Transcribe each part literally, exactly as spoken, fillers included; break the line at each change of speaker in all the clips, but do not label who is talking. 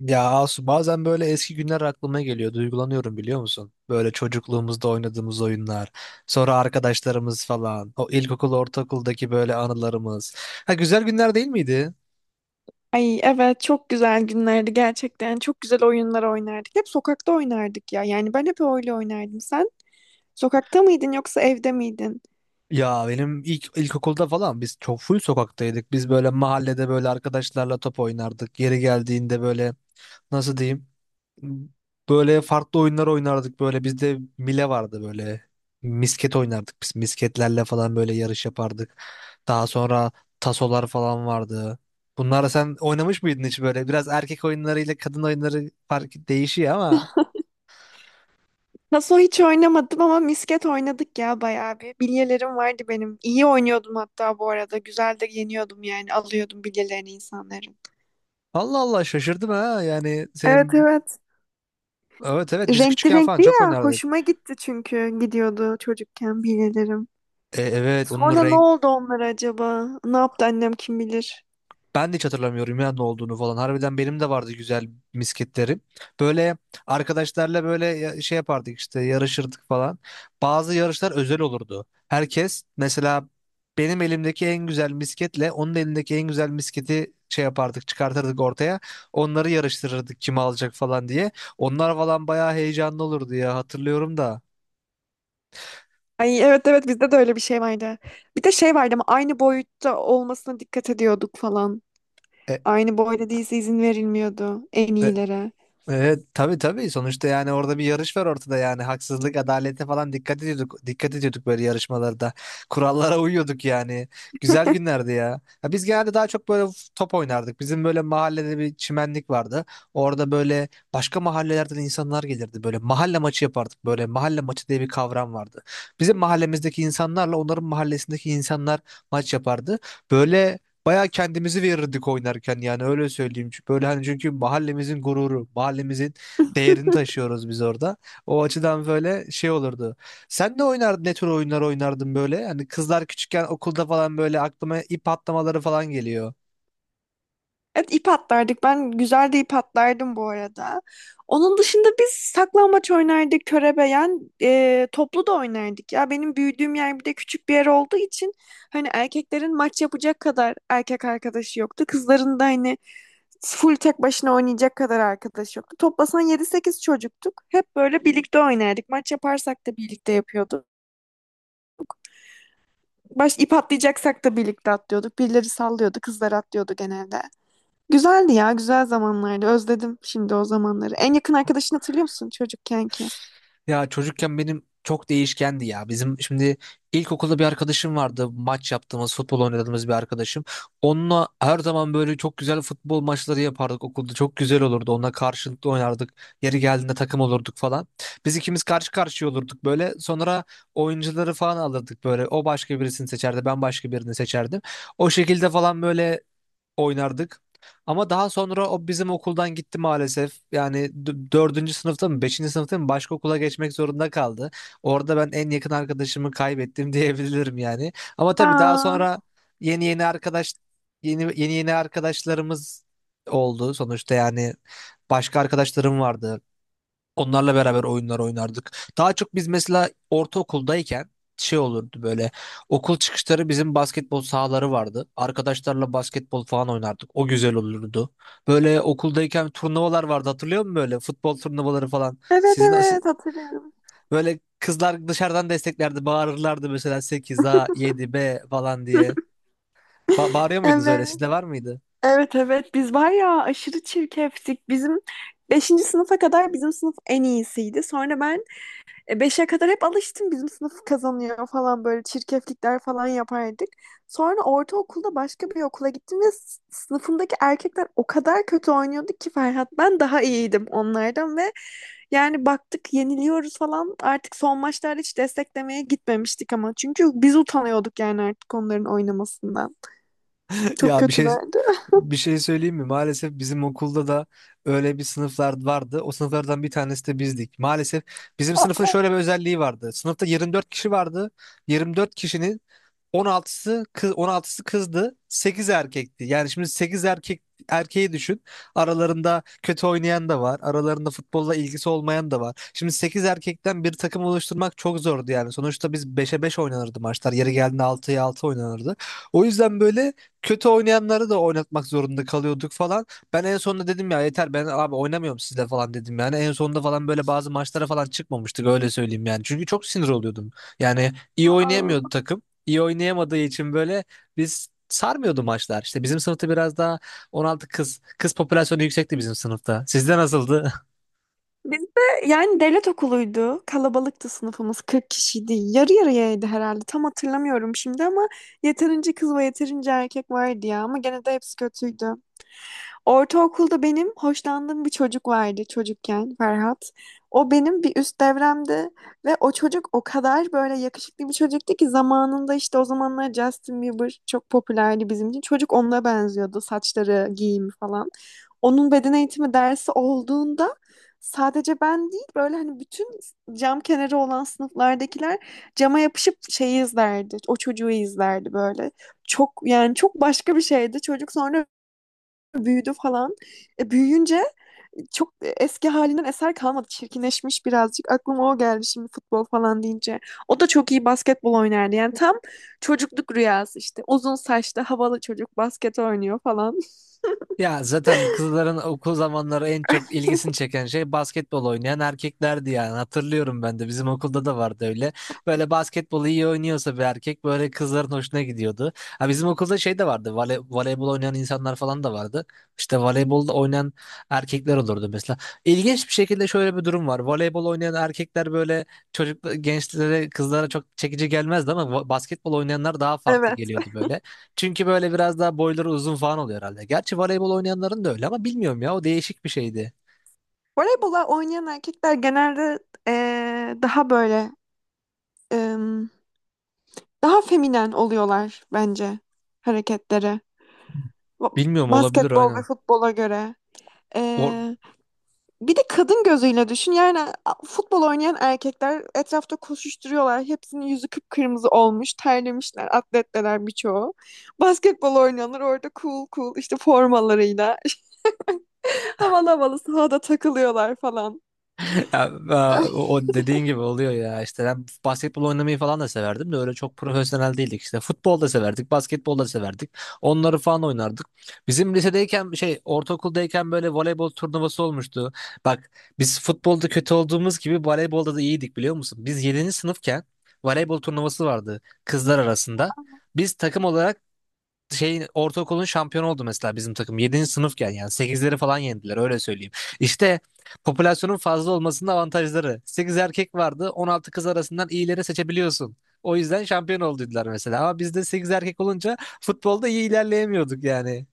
Ya Asu, bazen böyle eski günler aklıma geliyor. Duygulanıyorum, biliyor musun? Böyle çocukluğumuzda oynadığımız oyunlar. Sonra arkadaşlarımız falan. O ilkokul, ortaokuldaki böyle anılarımız. Ha, güzel günler değil miydi?
Ay evet çok güzel günlerdi gerçekten. Çok güzel oyunlar oynardık. Hep sokakta oynardık ya. Yani ben hep öyle oynardım. Sen sokakta mıydın yoksa evde miydin?
Ya benim ilk ilkokulda falan biz çok full sokaktaydık. Biz böyle mahallede böyle arkadaşlarla top oynardık. Yeri geldiğinde böyle nasıl diyeyim? Böyle farklı oyunlar oynardık böyle. Bizde mile vardı böyle. Misket oynardık biz. Misketlerle falan böyle yarış yapardık. Daha sonra tasolar falan vardı. Bunları sen oynamış mıydın hiç böyle? Biraz erkek oyunları ile kadın oyunları fark değişiyor ama.
Taso hiç oynamadım ama misket oynadık ya bayağı bir. Bilyelerim vardı benim. İyi oynuyordum hatta bu arada. Güzel de yeniyordum yani. Alıyordum bilyelerini insanların.
Allah Allah, şaşırdım ha. Yani
Evet
senin.
evet.
Evet evet, biz
Renkli
küçükken falan
renkli
çok
ya.
oynardık.
Hoşuma gitti çünkü gidiyordu çocukken bilyelerim.
E, evet onun
Sonra ne
renk.
oldu onlar acaba? Ne yaptı annem kim bilir?
Ben de hiç hatırlamıyorum ya ne olduğunu falan. Harbiden benim de vardı güzel misketlerim. Böyle arkadaşlarla böyle ya- şey yapardık, işte yarışırdık falan. Bazı yarışlar özel olurdu. Herkes mesela benim elimdeki en güzel misketle onun elindeki en güzel misketi şey yapardık, çıkartırdık ortaya. Onları yarıştırırdık kim alacak falan diye. Onlar falan bayağı heyecanlı olurdu ya, hatırlıyorum da.
Ay evet evet bizde de öyle bir şey vardı. Bir de şey vardı ama aynı boyutta olmasına dikkat ediyorduk falan.
E,
Aynı boyda değilse izin verilmiyordu en iyilere.
Evet tabii tabii, sonuçta yani orada bir yarış var ortada, yani haksızlık, adalete falan dikkat ediyorduk, dikkat ediyorduk böyle yarışmalarda, kurallara uyuyorduk yani. Güzel günlerdi ya. Ya biz genelde daha çok böyle top oynardık, bizim böyle mahallede bir çimenlik vardı orada. Böyle başka mahallelerden insanlar gelirdi, böyle mahalle maçı yapardık, böyle mahalle maçı diye bir kavram vardı. Bizim mahallemizdeki insanlarla onların mahallesindeki insanlar maç yapardı böyle. Bayağı kendimizi verirdik oynarken, yani öyle söyleyeyim. Çünkü böyle hani, çünkü mahallemizin gururu, mahallemizin değerini taşıyoruz biz orada. O açıdan böyle şey olurdu. Sen de oynardın, ne tür oyunlar oynardın böyle? Hani kızlar küçükken okulda falan böyle aklıma ip atlamaları falan geliyor.
Evet ip atlardık. Ben güzel de ip atlardım bu arada. Onun dışında biz saklambaç oynardık, körebeyen, e, toplu da oynardık. Ya benim büyüdüğüm yer bir de küçük bir yer olduğu için hani erkeklerin maç yapacak kadar erkek arkadaşı yoktu. Kızların da hani full tek başına oynayacak kadar arkadaş yoktu. Toplasan yedi sekiz çocuktuk. Hep böyle birlikte oynardık. Maç yaparsak da birlikte yapıyorduk. Baş ip atlayacaksak da birlikte atlıyorduk. Birileri sallıyordu, kızlar atlıyordu genelde. Güzeldi ya, güzel zamanlardı. Özledim şimdi o zamanları. En yakın arkadaşını hatırlıyor musun çocukken ki?
Ya çocukken benim çok değişkendi ya. Bizim şimdi ilkokulda bir arkadaşım vardı. Maç yaptığımız, futbol oynadığımız bir arkadaşım. Onunla her zaman böyle çok güzel futbol maçları yapardık okulda. Çok güzel olurdu. Onunla karşılıklı oynardık. Yeri geldiğinde takım olurduk falan. Biz ikimiz karşı karşıya olurduk böyle. Sonra oyuncuları falan alırdık böyle. O başka birisini seçerdi, ben başka birini seçerdim. O şekilde falan böyle oynardık. Ama daha sonra o bizim okuldan gitti maalesef. Yani d- dördüncü sınıfta mı, beşinci sınıfta mı başka okula geçmek zorunda kaldı. Orada ben en yakın arkadaşımı kaybettim diyebilirim yani. Ama tabii daha
Aa,
sonra yeni yeni arkadaş, yeni yeni yeni arkadaşlarımız oldu sonuçta yani. Başka arkadaşlarım vardı. Onlarla beraber oyunlar oynardık. Daha çok biz mesela ortaokuldayken şey olurdu böyle. Okul çıkışları bizim basketbol sahaları vardı. Arkadaşlarla basketbol falan oynardık. O güzel olurdu. Böyle okuldayken turnuvalar vardı, hatırlıyor musun böyle? Futbol turnuvaları falan.
evet
Sizin siz-
evet hatırlıyorum.
böyle kızlar dışarıdan desteklerdi. Bağırırlardı mesela sekiz A, yedi B falan diye. Ba- bağırıyor muydunuz öyle?
Evet.
Sizde var mıydı?
Evet evet biz var ya aşırı çirkeftik. Bizim beşinci sınıfa kadar bizim sınıf en iyisiydi. Sonra ben e, beşe kadar hep alıştım bizim sınıf kazanıyor falan böyle çirkeflikler falan yapardık. Sonra ortaokulda başka bir okula gittim ve s- sınıfımdaki erkekler o kadar kötü oynuyordu ki Ferhat, ben daha iyiydim onlardan ve yani baktık yeniliyoruz falan. Artık son maçlarda hiç desteklemeye gitmemiştik ama. Çünkü biz utanıyorduk yani artık onların oynamasından. Çok
Ya bir şey
kötülerdi.
Bir şey söyleyeyim mi? Maalesef bizim okulda da öyle bir sınıflar vardı. O sınıflardan bir tanesi de bizdik. Maalesef bizim sınıfın
Aa,
şöyle bir özelliği vardı. Sınıfta yirmi dört kişi vardı. Yirmi dört kişinin on altısı kız, on altısı kızdı. sekiz erkekti. Yani şimdi sekiz erkek, erkeği düşün. Aralarında kötü oynayan da var. Aralarında futbolla ilgisi olmayan da var. Şimdi sekiz erkekten bir takım oluşturmak çok zordu yani. Sonuçta biz beşe beş oynanırdı maçlar. Yeri geldiğinde altıya altı oynanırdı. O yüzden böyle kötü oynayanları da oynatmak zorunda kalıyorduk falan. Ben en sonunda dedim ya, yeter ben abi oynamıyorum sizle falan, dedim yani. En sonunda falan böyle bazı maçlara falan çıkmamıştık, öyle söyleyeyim yani. Çünkü çok sinir oluyordum. Yani iyi oynayamıyordu
aa.
takım, iyi oynayamadığı için böyle biz sarmıyordu maçlar. İşte bizim sınıfta biraz daha on altı kız, kız popülasyonu yüksekti bizim sınıfta. Sizde nasıldı?
Biz de yani devlet okuluydu. Kalabalıktı sınıfımız. kırk kişiydi. Yarı yarıyaydı herhalde. Tam hatırlamıyorum şimdi ama yeterince kız ve yeterince erkek vardı ya. Ama gene de hepsi kötüydü. Ortaokulda benim hoşlandığım bir çocuk vardı çocukken Ferhat. O benim bir üst devremdi ve o çocuk o kadar böyle yakışıklı bir çocuktu ki zamanında işte o zamanlar Justin Bieber çok popülerdi bizim için. Çocuk onunla benziyordu, saçları, giyimi falan. Onun beden eğitimi dersi olduğunda sadece ben değil böyle hani bütün cam kenarı olan sınıflardakiler cama yapışıp şeyi izlerdi. O çocuğu izlerdi böyle. Çok yani çok başka bir şeydi. Çocuk sonra büyüdü falan. E, büyüyünce çok eski halinden eser kalmadı. Çirkinleşmiş birazcık. Aklıma o geldi şimdi futbol falan deyince. O da çok iyi basketbol oynardı. Yani tam çocukluk rüyası işte. Uzun saçlı havalı çocuk basket oynuyor falan.
Ya zaten kızların okul zamanları en çok ilgisini çeken şey basketbol oynayan erkeklerdi yani. Hatırlıyorum, ben de bizim okulda da vardı öyle. Böyle basketbolu iyi oynuyorsa bir erkek, böyle kızların hoşuna gidiyordu. Ha, bizim okulda şey de vardı. Vole, voleybol oynayan insanlar falan da vardı. İşte voleybolda oynayan erkekler olurdu mesela. İlginç bir şekilde şöyle bir durum var. Voleybol oynayan erkekler böyle çocuk gençlere, kızlara çok çekici gelmezdi ama va- basketbol oynayanlar daha farklı
Evet.
geliyordu böyle. Çünkü böyle biraz daha boyları uzun falan oluyor herhalde. Gerçi voleybol oynayanların da öyle ama bilmiyorum ya, o değişik bir şeydi.
Voleybola oynayan erkekler genelde e, daha böyle e, daha feminen oluyorlar bence, hareketleri. Ba-
Bilmiyorum, olabilir,
Basketbol ve
aynen.
futbola göre.
O,
E, Bir de kadın gözüyle düşün. Yani a- futbol oynayan erkekler etrafta koşuşturuyorlar. Hepsinin yüzü kıpkırmızı olmuş. Terlemişler. Atletteler birçoğu. Basketbol oynayanlar orada cool cool işte formalarıyla. Havalı havalı sahada takılıyorlar falan.
Ya, a- o o dediğin gibi oluyor ya. İşte ben basketbol oynamayı falan da severdim de öyle çok profesyonel değildik. İşte futbol da severdik, basketbol da severdik, onları falan oynardık. Bizim lisedeyken şey, ortaokuldayken böyle voleybol turnuvası olmuştu. Bak, biz futbolda kötü olduğumuz gibi voleybolda da iyiydik, biliyor musun? Biz yedinci sınıfken voleybol turnuvası vardı kızlar arasında. Biz takım olarak şeyin, ortaokulun şampiyonu oldu mesela bizim takım. yedinci sınıfken yani sekizleri falan yendiler, öyle söyleyeyim. İşte popülasyonun fazla olmasının avantajları. Sekiz erkek vardı, on altı kız arasından iyileri seçebiliyorsun. O yüzden şampiyon oldular mesela. Ama bizde sekiz erkek olunca futbolda iyi ilerleyemiyorduk yani.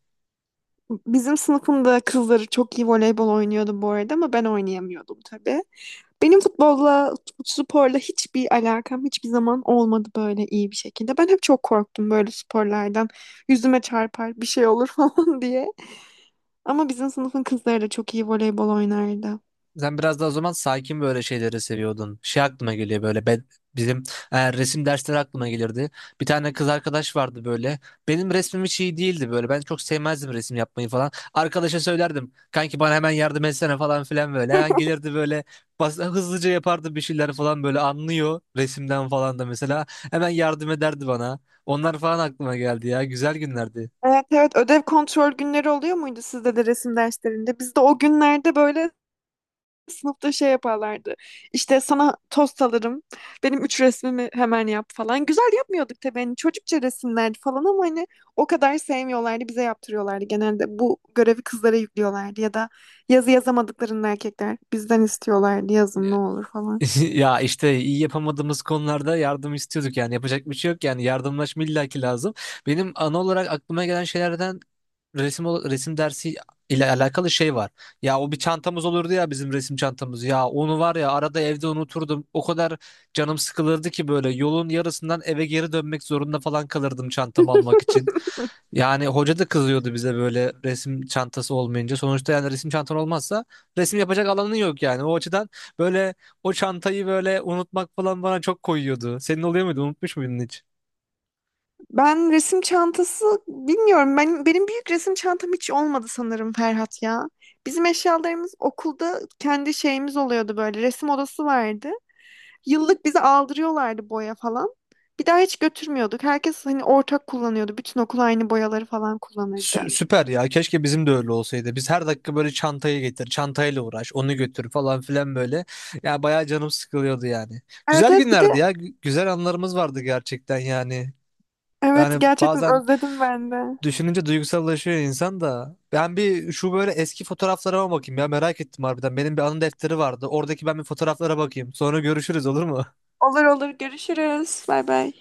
Bizim sınıfımda kızları çok iyi voleybol oynuyordu bu arada ama ben oynayamıyordum tabii. Benim futbolla, sporla hiçbir alakam hiçbir zaman olmadı böyle iyi bir şekilde. Ben hep çok korktum böyle sporlardan. Yüzüme çarpar, bir şey olur falan diye. Ama bizim sınıfın kızları da çok iyi voleybol oynardı.
Sen biraz daha o zaman sakin böyle şeyleri seviyordun. Şey aklıma geliyor böyle, ben, bizim e, resim dersleri aklıma gelirdi. Bir tane kız arkadaş vardı böyle. Benim resmim hiç iyi değildi böyle. Ben çok sevmezdim resim yapmayı falan. Arkadaşa söylerdim, kanki bana hemen yardım etsene falan filan böyle. Hemen gelirdi böyle, bas- hızlıca yapardı bir şeyler falan böyle, anlıyor resimden falan da mesela. Hemen yardım ederdi bana. Onlar falan aklıma geldi ya. Güzel günlerdi.
Evet evet, ödev kontrol günleri oluyor muydu sizde de resim derslerinde? Bizde o günlerde böyle sınıfta şey yaparlardı. İşte sana tost alırım. Benim üç resmimi hemen yap falan. Güzel yapmıyorduk tabii. Hani çocukça resimlerdi falan ama hani o kadar sevmiyorlardı. Bize yaptırıyorlardı. Genelde bu görevi kızlara yüklüyorlardı. Ya da yazı yazamadıklarında erkekler bizden istiyorlardı. Yazın ne olur falan.
Ya, işte iyi yapamadığımız konularda yardım istiyorduk yani, yapacak bir şey yok yani, yardımlaşma illaki lazım. Benim ana olarak aklıma gelen şeylerden resim ol- resim dersi ile alakalı şey var. Ya, o bir çantamız olurdu ya, bizim resim çantamız. Ya onu var ya, arada evde unuturdum. O kadar canım sıkılırdı ki böyle, yolun yarısından eve geri dönmek zorunda falan kalırdım çantamı almak için. Yani hoca da kızıyordu bize böyle resim çantası olmayınca. Sonuçta yani resim çantan olmazsa resim yapacak alanın yok yani. O açıdan böyle o çantayı böyle unutmak falan bana çok koyuyordu. Senin oluyor muydu? Unutmuş muydun hiç?
Ben resim çantası bilmiyorum. Ben benim büyük resim çantam hiç olmadı sanırım Ferhat ya. Bizim eşyalarımız okulda kendi şeyimiz oluyordu böyle. Resim odası vardı. Yıllık bize aldırıyorlardı boya falan. Bir daha hiç götürmüyorduk. Herkes hani ortak kullanıyordu. Bütün okul aynı boyaları falan kullanırdı.
Sü- süper ya. Keşke bizim de öyle olsaydı. Biz her dakika böyle çantayı getir, çantayla uğraş, onu götür falan filan böyle. Ya bayağı canım sıkılıyordu yani.
Evet
Güzel
evet, bir
günlerdi
de
ya. Gü- Güzel anlarımız vardı gerçekten yani.
evet
Yani
gerçekten
bazen
özledim ben de.
düşününce duygusallaşıyor insan da. Ben bir şu böyle eski fotoğraflarıma bakayım ya, merak ettim harbiden. Benim bir anı defteri vardı. Oradaki ben bir fotoğraflara bakayım. Sonra görüşürüz, olur mu?
Olur olur, görüşürüz. Bay bay.